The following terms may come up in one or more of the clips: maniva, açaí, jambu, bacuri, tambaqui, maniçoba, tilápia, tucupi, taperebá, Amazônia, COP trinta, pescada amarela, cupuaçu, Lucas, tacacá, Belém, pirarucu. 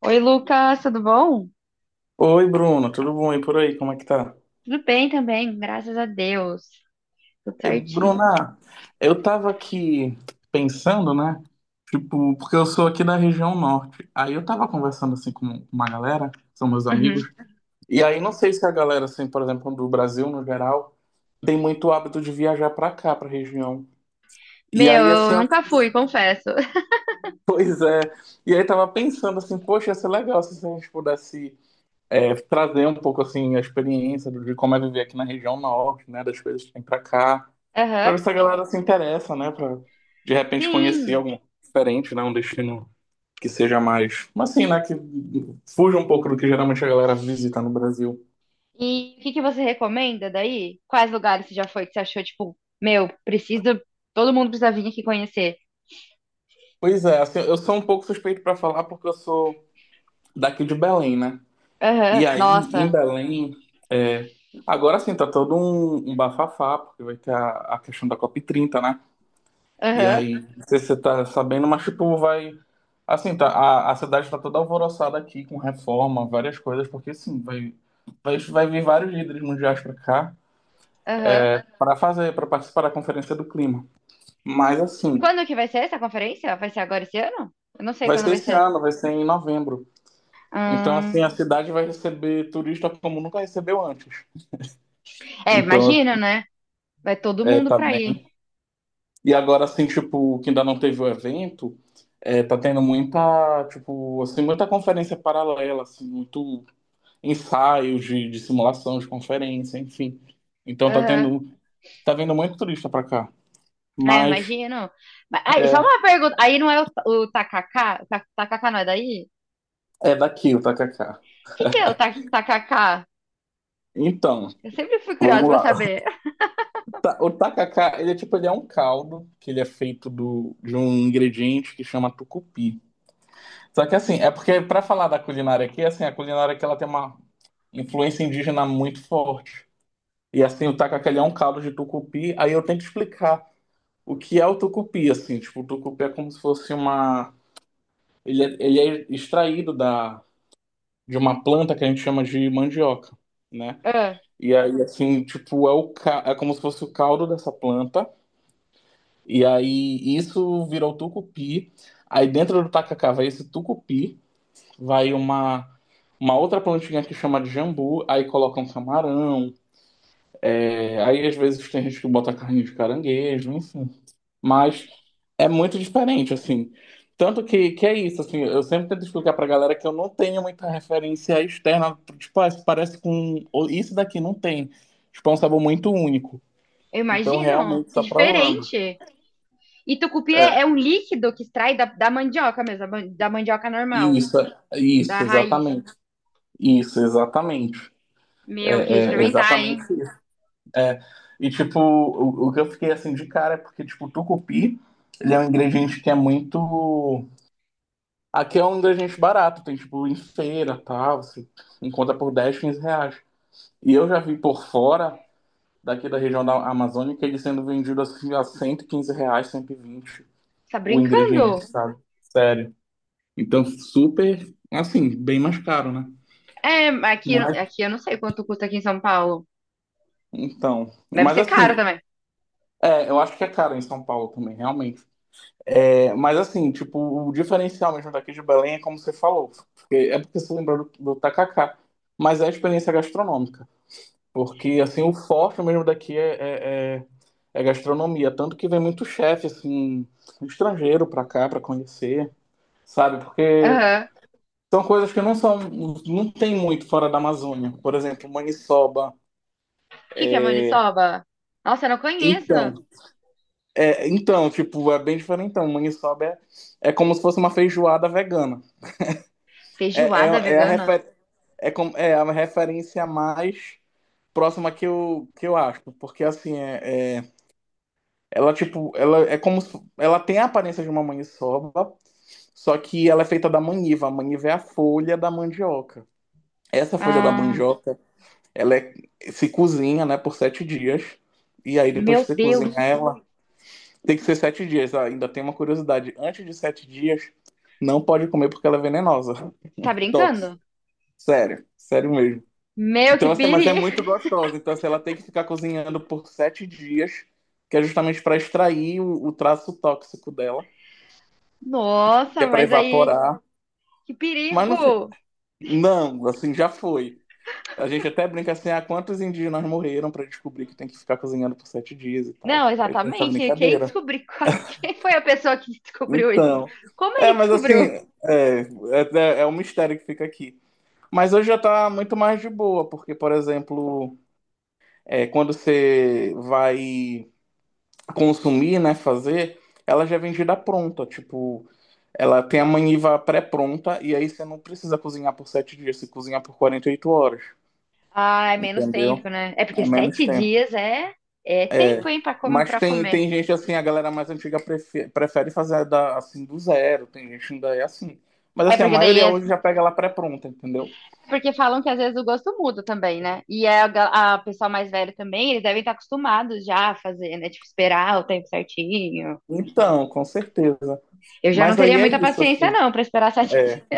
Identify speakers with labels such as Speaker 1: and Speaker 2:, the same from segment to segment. Speaker 1: Oi, Lucas, tudo bom?
Speaker 2: Oi, Bruno, tudo bom? E por aí, como é que tá?
Speaker 1: Tudo bem também, graças a Deus. Tudo
Speaker 2: E,
Speaker 1: certinho.
Speaker 2: Bruna, eu tava aqui pensando, né? Tipo, porque eu sou aqui da região norte. Aí eu tava conversando assim com uma galera, são meus
Speaker 1: Uhum.
Speaker 2: amigos. E aí não sei se a galera, assim, por exemplo, do Brasil no geral, tem muito hábito de viajar pra cá, pra região. E
Speaker 1: Meu,
Speaker 2: aí, assim,
Speaker 1: eu nunca fui, confesso.
Speaker 2: pois é. E aí tava pensando assim, poxa, ia ser legal se a gente pudesse trazer um pouco assim a experiência de como é viver aqui na região norte, né? Das coisas que tem pra cá. Pra
Speaker 1: Aham.
Speaker 2: ver se a galera se interessa, né? Pra de repente conhecer
Speaker 1: Sim.
Speaker 2: algo diferente, né? Um destino que seja mais. Mas assim, né? Que fuja um pouco do que geralmente a galera visita no Brasil.
Speaker 1: E o que que você recomenda daí? Quais lugares você já foi que você achou, tipo, meu, preciso, todo mundo precisa vir aqui conhecer.
Speaker 2: Pois é, assim, eu sou um pouco suspeito pra falar porque eu sou daqui de Belém, né?
Speaker 1: Aham.
Speaker 2: Em
Speaker 1: Nossa.
Speaker 2: Belém, é, agora sim, tá todo um bafafá, porque vai ter a questão da COP 30, né? E
Speaker 1: Aham.
Speaker 2: aí, não sei se você tá sabendo, mas tipo, vai. Assim, tá, a cidade tá toda alvoroçada aqui, com reforma, várias coisas, porque sim, vai vir vários líderes mundiais para cá
Speaker 1: Aham.
Speaker 2: para fazer, para participar da Conferência do Clima. Mas assim,
Speaker 1: Quando que vai ser essa conferência? Vai ser agora esse ano? Eu não sei
Speaker 2: vai
Speaker 1: quando
Speaker 2: ser
Speaker 1: vai
Speaker 2: esse
Speaker 1: ser.
Speaker 2: ano, vai ser em novembro. Então, assim, a
Speaker 1: Hum.
Speaker 2: cidade vai receber turista como nunca recebeu antes.
Speaker 1: É,
Speaker 2: Então,
Speaker 1: imagino, né? Vai todo
Speaker 2: é,
Speaker 1: mundo
Speaker 2: tá
Speaker 1: pra ir.
Speaker 2: bem. E agora, assim, tipo, que ainda não teve o evento, é, tá tendo muita, tipo, assim, muita conferência paralela, assim, muito ensaios de simulação, de conferência, enfim. Então tá tendo, tá vindo muito turista para cá,
Speaker 1: Ah, eu
Speaker 2: mas
Speaker 1: imagino. Aí, só uma pergunta. Aí não é o tacacá? O tacacá não é daí?
Speaker 2: é daqui o tacacá.
Speaker 1: O que que é o tacacá?
Speaker 2: Então,
Speaker 1: Eu sempre fui
Speaker 2: vamos
Speaker 1: curiosa pra
Speaker 2: lá.
Speaker 1: saber.
Speaker 2: O tacacá, ele é tipo, ele é um caldo que ele é feito do, de um ingrediente que chama tucupi. Só que assim, é porque para falar da culinária aqui, assim, a culinária aqui ela tem uma influência indígena muito forte. E assim, o tacacá ele é um caldo de tucupi, aí eu tenho que explicar o que é o tucupi, assim, tipo, o tucupi é como se fosse uma ele é extraído da, de uma planta que a gente chama de mandioca, né?
Speaker 1: Ah,
Speaker 2: E aí, assim, tipo, é, é como se fosse o caldo dessa planta. E aí, isso vira o tucupi. Aí, dentro do tacacá, vai esse tucupi. Vai uma outra plantinha que chama de jambu. Aí, colocam camarão. É, aí, às vezes, tem gente que bota carne de caranguejo, enfim. Mas é muito diferente, assim. Tanto que é isso, assim, eu sempre tento explicar pra galera que eu não tenho muita referência externa, tipo, ah, isso parece com ou isso daqui não tem. Tipo, é um sabor muito único.
Speaker 1: eu
Speaker 2: Então,
Speaker 1: imagino.
Speaker 2: realmente,
Speaker 1: Que
Speaker 2: só provando.
Speaker 1: diferente. E tucupi
Speaker 2: É,
Speaker 1: é, é um líquido que extrai da mandioca mesmo, da da mandioca normal,
Speaker 2: isso,
Speaker 1: da
Speaker 2: isso,
Speaker 1: raiz.
Speaker 2: exatamente. Isso, exatamente.
Speaker 1: Meu, eu queria
Speaker 2: É, é
Speaker 1: experimentar,
Speaker 2: exatamente
Speaker 1: hein?
Speaker 2: isso. É, e, tipo, o que eu fiquei, assim, de cara é porque, tipo, o tucupi, ele é um ingrediente que é muito aqui é um ingrediente barato, tem tipo em feira, tá? Você encontra por 10, 15 reais. E eu já vi por fora, daqui da região da Amazônica, ele sendo vendido assim a 115 reais, 120,
Speaker 1: Tá
Speaker 2: o ingrediente,
Speaker 1: brincando?
Speaker 2: sabe? Sério. Então, super, assim, bem mais caro, né?
Speaker 1: É, mas aqui,
Speaker 2: Mas,
Speaker 1: aqui eu não sei quanto custa aqui em São Paulo.
Speaker 2: então,
Speaker 1: Deve
Speaker 2: mas
Speaker 1: ser
Speaker 2: assim,
Speaker 1: caro também.
Speaker 2: é, eu acho que é caro em São Paulo também, realmente. É, mas assim, tipo, o diferencial mesmo daqui de Belém é como você falou, porque é porque você lembrou do tacacá, mas é a experiência gastronômica. Porque, assim, o forte mesmo daqui é gastronomia. Tanto que vem muito chefe, assim, estrangeiro pra cá, pra conhecer, sabe? Porque
Speaker 1: Aham.
Speaker 2: são coisas que não são. Não tem muito fora da Amazônia. Por exemplo, maniçoba.
Speaker 1: O que que é
Speaker 2: É,
Speaker 1: maniçoba? Nossa, eu não conheço.
Speaker 2: então, tipo, é bem diferente. Então, maniçoba é, é como se fosse uma feijoada vegana. É, é,
Speaker 1: Feijoada
Speaker 2: é a
Speaker 1: vegana?
Speaker 2: refer, é, com- é a referência mais próxima que eu acho. Porque, assim, é é ela, tipo, ela é como se- ela tem a aparência de uma maniçoba, só que ela é feita da maniva. A maniva é a folha da mandioca. Essa folha da
Speaker 1: Ah,
Speaker 2: mandioca, ela é- se cozinha, né, por 7 dias. E aí, depois que
Speaker 1: meu
Speaker 2: você cozinhar
Speaker 1: Deus,
Speaker 2: ela, tem que ser 7 dias. Ah, ainda tem uma curiosidade. Antes de 7 dias, não pode comer porque ela é venenosa.
Speaker 1: tá
Speaker 2: Tóxica.
Speaker 1: brincando?
Speaker 2: Sério. Sério mesmo.
Speaker 1: Meu, que
Speaker 2: Então, assim, mas é
Speaker 1: perigo!
Speaker 2: muito gostosa. Então, assim, ela tem que ficar cozinhando por 7 dias, que é justamente para extrair o traço tóxico dela. Que
Speaker 1: Nossa,
Speaker 2: é para
Speaker 1: mas aí,
Speaker 2: evaporar.
Speaker 1: que
Speaker 2: Mas não,
Speaker 1: perigo!
Speaker 2: não, assim, já foi. A gente até brinca assim, ah, quantos indígenas morreram para descobrir que tem que ficar cozinhando por sete dias e tal.
Speaker 1: Não,
Speaker 2: Aí tem essa
Speaker 1: exatamente. Quem
Speaker 2: brincadeira.
Speaker 1: descobriu? Quem foi a pessoa que descobriu isso?
Speaker 2: Então,
Speaker 1: Como
Speaker 2: é,
Speaker 1: ele
Speaker 2: mas assim,
Speaker 1: descobriu?
Speaker 2: é, é é um mistério que fica aqui. Mas hoje já tá muito mais de boa, porque, por exemplo, é, quando você vai consumir, né, fazer, ela já é vendida pronta, tipo, ela tem a maniva pré-pronta, e aí você não precisa cozinhar por 7 dias, você cozinha por 48 horas.
Speaker 1: Ah, é menos tempo,
Speaker 2: Entendeu?
Speaker 1: né? É porque
Speaker 2: É menos
Speaker 1: sete
Speaker 2: tempo.
Speaker 1: dias é tempo, hein, pra comer,
Speaker 2: Mas
Speaker 1: para
Speaker 2: tem,
Speaker 1: comer.
Speaker 2: tem gente assim, a galera mais antiga prefere fazer da, assim do zero, tem gente ainda é assim. Mas
Speaker 1: É
Speaker 2: assim, a
Speaker 1: porque daí
Speaker 2: maioria hoje já pega ela pré-pronta, entendeu?
Speaker 1: é porque falam que às vezes o gosto muda também, né? E é a pessoa mais velha também, eles devem estar acostumados já a fazer, né? Tipo, esperar o tempo certinho.
Speaker 2: Então, com certeza.
Speaker 1: Eu já não
Speaker 2: Mas aí
Speaker 1: teria
Speaker 2: é
Speaker 1: muita
Speaker 2: isso,
Speaker 1: paciência,
Speaker 2: assim.
Speaker 1: não, pra esperar sete dias.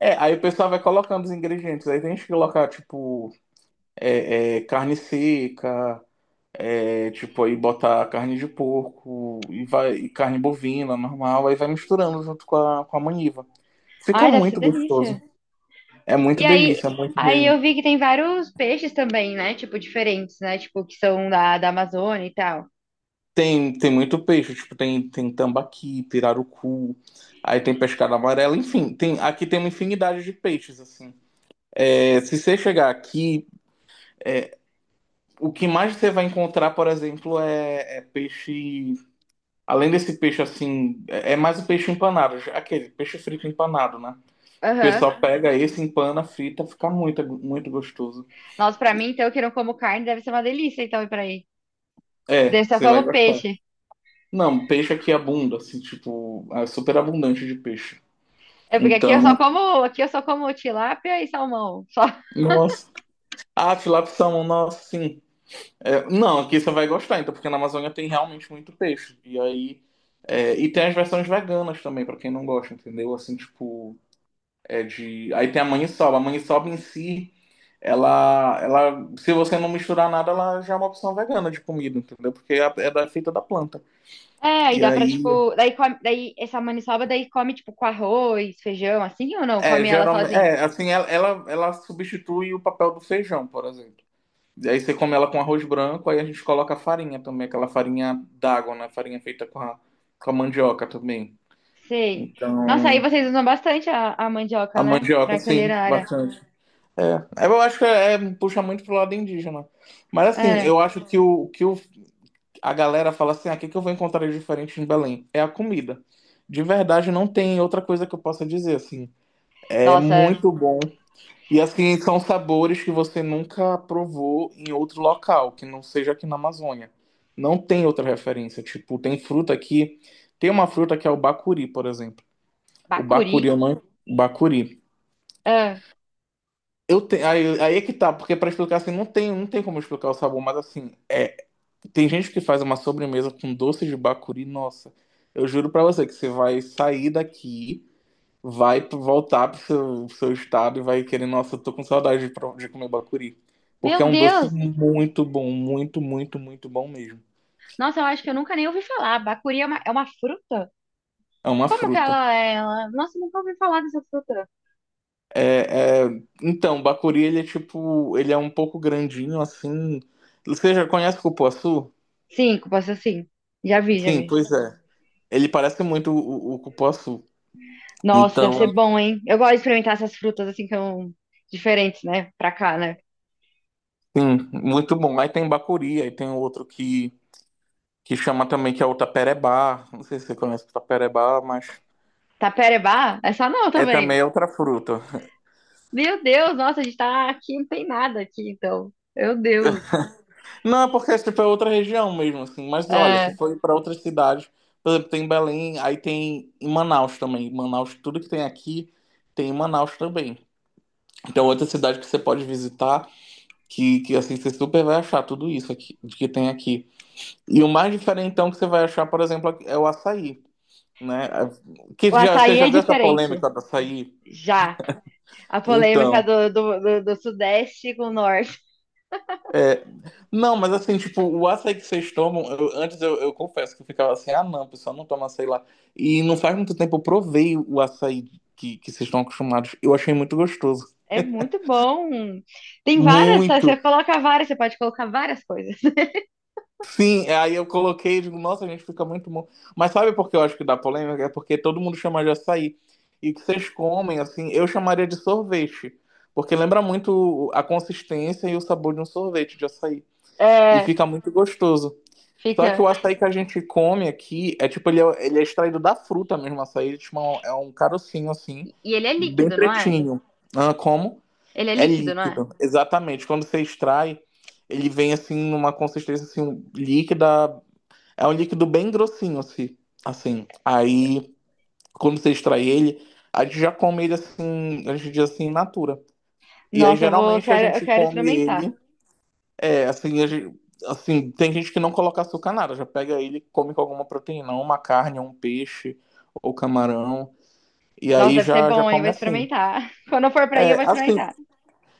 Speaker 2: É, aí o pessoal vai colocando os ingredientes. Aí tem gente que coloca, tipo, carne seca, é, tipo, aí bota carne de porco e vai e carne bovina, normal, aí vai misturando junto com com a maniva. Fica
Speaker 1: Ai, deve ser
Speaker 2: muito gostoso.
Speaker 1: delícia.
Speaker 2: É muito
Speaker 1: E aí,
Speaker 2: delícia, muito
Speaker 1: aí eu
Speaker 2: mesmo.
Speaker 1: vi que tem vários peixes também, né? Tipo, diferentes, né? Tipo, que são da Amazônia e tal.
Speaker 2: Tem, tem muito peixe, tipo, tem, tem tambaqui, pirarucu, aí tem pescada amarela, enfim, tem, aqui tem uma infinidade de peixes, assim. É, se você chegar aqui, é, o que mais você vai encontrar, por exemplo, é peixe. Além desse peixe assim, é mais o peixe empanado, aquele peixe frito empanado, né? O
Speaker 1: Aham.
Speaker 2: pessoal pega esse, empana, frita, fica muito, muito gostoso.
Speaker 1: Nossa, pra mim, então, que não como carne, deve ser uma delícia, então, ir pra aí. Daí eu
Speaker 2: É,
Speaker 1: só
Speaker 2: você vai
Speaker 1: como
Speaker 2: gostar.
Speaker 1: peixe.
Speaker 2: Não, peixe aqui é abunda, assim, tipo, é super abundante de peixe.
Speaker 1: É porque aqui eu só
Speaker 2: Então,
Speaker 1: como tilápia e salmão. Só.
Speaker 2: nossa. Ah, tilápia e salmão, nossa, sim. É, não, aqui você vai gostar, então, porque na Amazônia tem realmente muito peixe. E aí. É, e tem as versões veganas também, pra quem não gosta, entendeu? Assim, tipo. É de. Aí tem a maniçoba. A maniçoba em si, ela, ela. Se você não misturar nada, ela já é uma opção vegana de comida, entendeu? Porque é, é da, feita da planta.
Speaker 1: É, aí
Speaker 2: E
Speaker 1: dá pra,
Speaker 2: aí.
Speaker 1: tipo, daí come, daí essa maniçoba daí come, tipo, com arroz, feijão, assim ou não?
Speaker 2: É,
Speaker 1: Come ela
Speaker 2: geralmente.
Speaker 1: sozinha?
Speaker 2: É, assim, ela substitui o papel do feijão, por exemplo. E aí você come ela com arroz branco, aí a gente coloca a farinha também, aquela farinha d'água, né? Farinha feita com a mandioca também.
Speaker 1: Sei. Nossa, aí
Speaker 2: Então,
Speaker 1: vocês usam bastante a
Speaker 2: a
Speaker 1: mandioca, né?
Speaker 2: mandioca,
Speaker 1: Pra
Speaker 2: sim,
Speaker 1: culinária.
Speaker 2: bastante. Eu acho que puxa muito pro lado indígena. Mas assim,
Speaker 1: É.
Speaker 2: eu acho que a galera fala assim, ah, o que, que eu vou encontrar de diferente em Belém? É a comida. De verdade, não tem outra coisa que eu possa dizer, assim. É
Speaker 1: Nossa,
Speaker 2: muito bom. E assim, são sabores que você nunca provou em outro local, que não seja aqui na Amazônia. Não tem outra referência. Tipo, tem fruta aqui. Tem uma fruta que é o bacuri, por exemplo. O bacuri,
Speaker 1: bacuri.
Speaker 2: eu não. O bacuri.
Speaker 1: É.
Speaker 2: Eu te aí, aí é que tá, porque pra explicar assim, não tem, não tem como explicar o sabor, mas assim, tem gente que faz uma sobremesa com doce de bacuri, nossa. Eu juro pra você que você vai sair daqui vai voltar pro seu estado e vai querer, nossa, eu tô com saudade de, de comer bacuri. Porque é
Speaker 1: Meu
Speaker 2: um doce
Speaker 1: Deus!
Speaker 2: muito bom, muito, muito, muito bom mesmo.
Speaker 1: Nossa, eu acho que eu nunca nem ouvi falar. Bacuri é uma fruta?
Speaker 2: É uma
Speaker 1: Como que
Speaker 2: fruta.
Speaker 1: ela é? Ela... Nossa, eu nunca ouvi falar dessa fruta.
Speaker 2: É, é então, o bacuri, ele é tipo, ele é um pouco grandinho, assim. Você já conhece o cupuaçu?
Speaker 1: Cinco, pode ser assim. Já vi, já
Speaker 2: Sim,
Speaker 1: vi.
Speaker 2: pois é. Ele parece muito o cupuaçu.
Speaker 1: Nossa, deve ser
Speaker 2: Então,
Speaker 1: bom, hein? Eu gosto de experimentar essas frutas assim que são diferentes, né? Pra cá, né?
Speaker 2: sim, muito bom. Aí tem bacuri, aí tem outro que chama também, que é o taperebá. Não sei se você conhece o taperebá, mas
Speaker 1: Taperebá? Essa não
Speaker 2: é
Speaker 1: também.
Speaker 2: também outra fruta.
Speaker 1: Meu Deus, nossa, a gente tá aqui, não tem nada aqui, então. Meu Deus.
Speaker 2: Não, é porque tipo, é outra região mesmo, assim. Mas olha, se
Speaker 1: É,
Speaker 2: for para outras cidades, por exemplo, tem Belém, aí tem em Manaus também. Em Manaus, tudo que tem aqui tem em Manaus também. Então, outra cidade que você pode visitar, que assim, você super vai achar tudo isso aqui, de que tem aqui. E o mais diferentão que você vai achar, por exemplo, é o açaí, né? É, que
Speaker 1: o
Speaker 2: já, você
Speaker 1: açaí
Speaker 2: já
Speaker 1: é
Speaker 2: viu essa
Speaker 1: diferente.
Speaker 2: polêmica do açaí?
Speaker 1: Já. A polêmica
Speaker 2: Então.
Speaker 1: do Sudeste com o Norte.
Speaker 2: Não, mas assim, tipo, o açaí que vocês tomam, antes eu confesso que eu ficava assim, ah não, o pessoal não toma açaí lá. E não faz muito tempo eu provei o açaí que vocês estão acostumados. Eu achei muito gostoso.
Speaker 1: É muito bom. Tem várias, tá? Você
Speaker 2: Muito.
Speaker 1: coloca várias, você pode colocar várias coisas.
Speaker 2: Sim, aí eu coloquei e digo, nossa, gente, fica muito bom. Mas sabe por que eu acho que dá polêmica? É porque todo mundo chama de açaí. E que vocês comem, assim, eu chamaria de sorvete. Porque lembra muito a consistência e o sabor de um sorvete de açaí. E
Speaker 1: É,
Speaker 2: fica muito gostoso. Só que
Speaker 1: fica.
Speaker 2: o açaí que a gente come aqui é tipo, ele é extraído da fruta mesmo, o açaí, ele, tipo, é é um carocinho assim,
Speaker 1: E ele é
Speaker 2: bem
Speaker 1: líquido, não é?
Speaker 2: pretinho. Ah, como?
Speaker 1: Ele é
Speaker 2: É
Speaker 1: líquido, não é?
Speaker 2: líquido, exatamente. Quando você extrai, ele vem assim numa consistência assim líquida, é um líquido bem grossinho assim, assim. Aí quando você extrai ele, a gente já come ele assim, a gente diz assim, in natura. E aí
Speaker 1: Nossa, eu vou,
Speaker 2: geralmente a
Speaker 1: quero, eu
Speaker 2: gente
Speaker 1: quero
Speaker 2: come
Speaker 1: experimentar.
Speaker 2: ele é, assim, assim, tem gente que não coloca açúcar nada, já pega ele e come com alguma proteína, uma carne, um peixe ou camarão, e
Speaker 1: Nossa,
Speaker 2: aí
Speaker 1: deve ser
Speaker 2: já
Speaker 1: bom, hein? Vou
Speaker 2: come assim.
Speaker 1: experimentar. Quando eu for pra aí, eu
Speaker 2: É,
Speaker 1: vou
Speaker 2: assim,
Speaker 1: experimentar.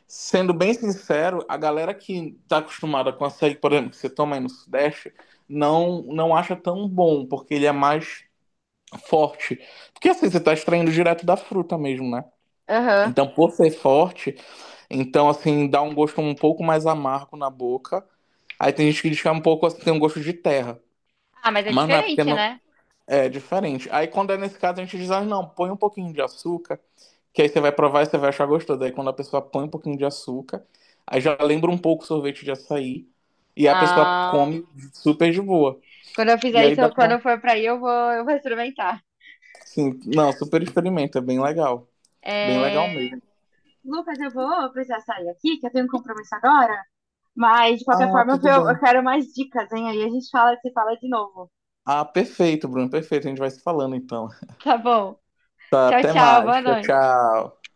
Speaker 2: sendo bem sincero, a galera que tá acostumada com açaí, por exemplo, que você toma aí no Sudeste, não acha tão bom, porque ele é mais forte. Porque assim, você tá extraindo direto da fruta mesmo, né?
Speaker 1: Aham.
Speaker 2: Então, por ser forte, então assim, dá um gosto um pouco mais amargo na boca. Aí tem gente que diz que é um pouco assim, tem um gosto de terra.
Speaker 1: Ah, mas é
Speaker 2: Mas não é porque
Speaker 1: diferente,
Speaker 2: não
Speaker 1: né?
Speaker 2: é diferente. Aí quando é nesse caso, a gente diz, ah, não, põe um pouquinho de açúcar, que aí você vai provar e você vai achar gostoso. Aí quando a pessoa põe um pouquinho de açúcar, aí já lembra um pouco o sorvete de açaí, e a pessoa
Speaker 1: Ah,
Speaker 2: come super de boa.
Speaker 1: quando eu
Speaker 2: E
Speaker 1: fizer
Speaker 2: aí
Speaker 1: isso,
Speaker 2: dá
Speaker 1: quando
Speaker 2: pra.
Speaker 1: eu for pra aí, eu vou experimentar.
Speaker 2: Sim, não, super experimenta, é bem legal. Bem legal
Speaker 1: É,
Speaker 2: mesmo.
Speaker 1: Lucas, eu vou precisar sair aqui, que eu tenho um compromisso agora. Mas, de qualquer
Speaker 2: Ah,
Speaker 1: forma,
Speaker 2: tudo
Speaker 1: eu
Speaker 2: bem.
Speaker 1: quero mais dicas, hein? Aí a gente fala, se fala de novo.
Speaker 2: Ah, perfeito, Bruno, perfeito. A gente vai se falando então.
Speaker 1: Tá bom.
Speaker 2: Tá,
Speaker 1: Tchau,
Speaker 2: até
Speaker 1: tchau.
Speaker 2: mais.
Speaker 1: Boa
Speaker 2: Tchau,
Speaker 1: noite.
Speaker 2: tchau.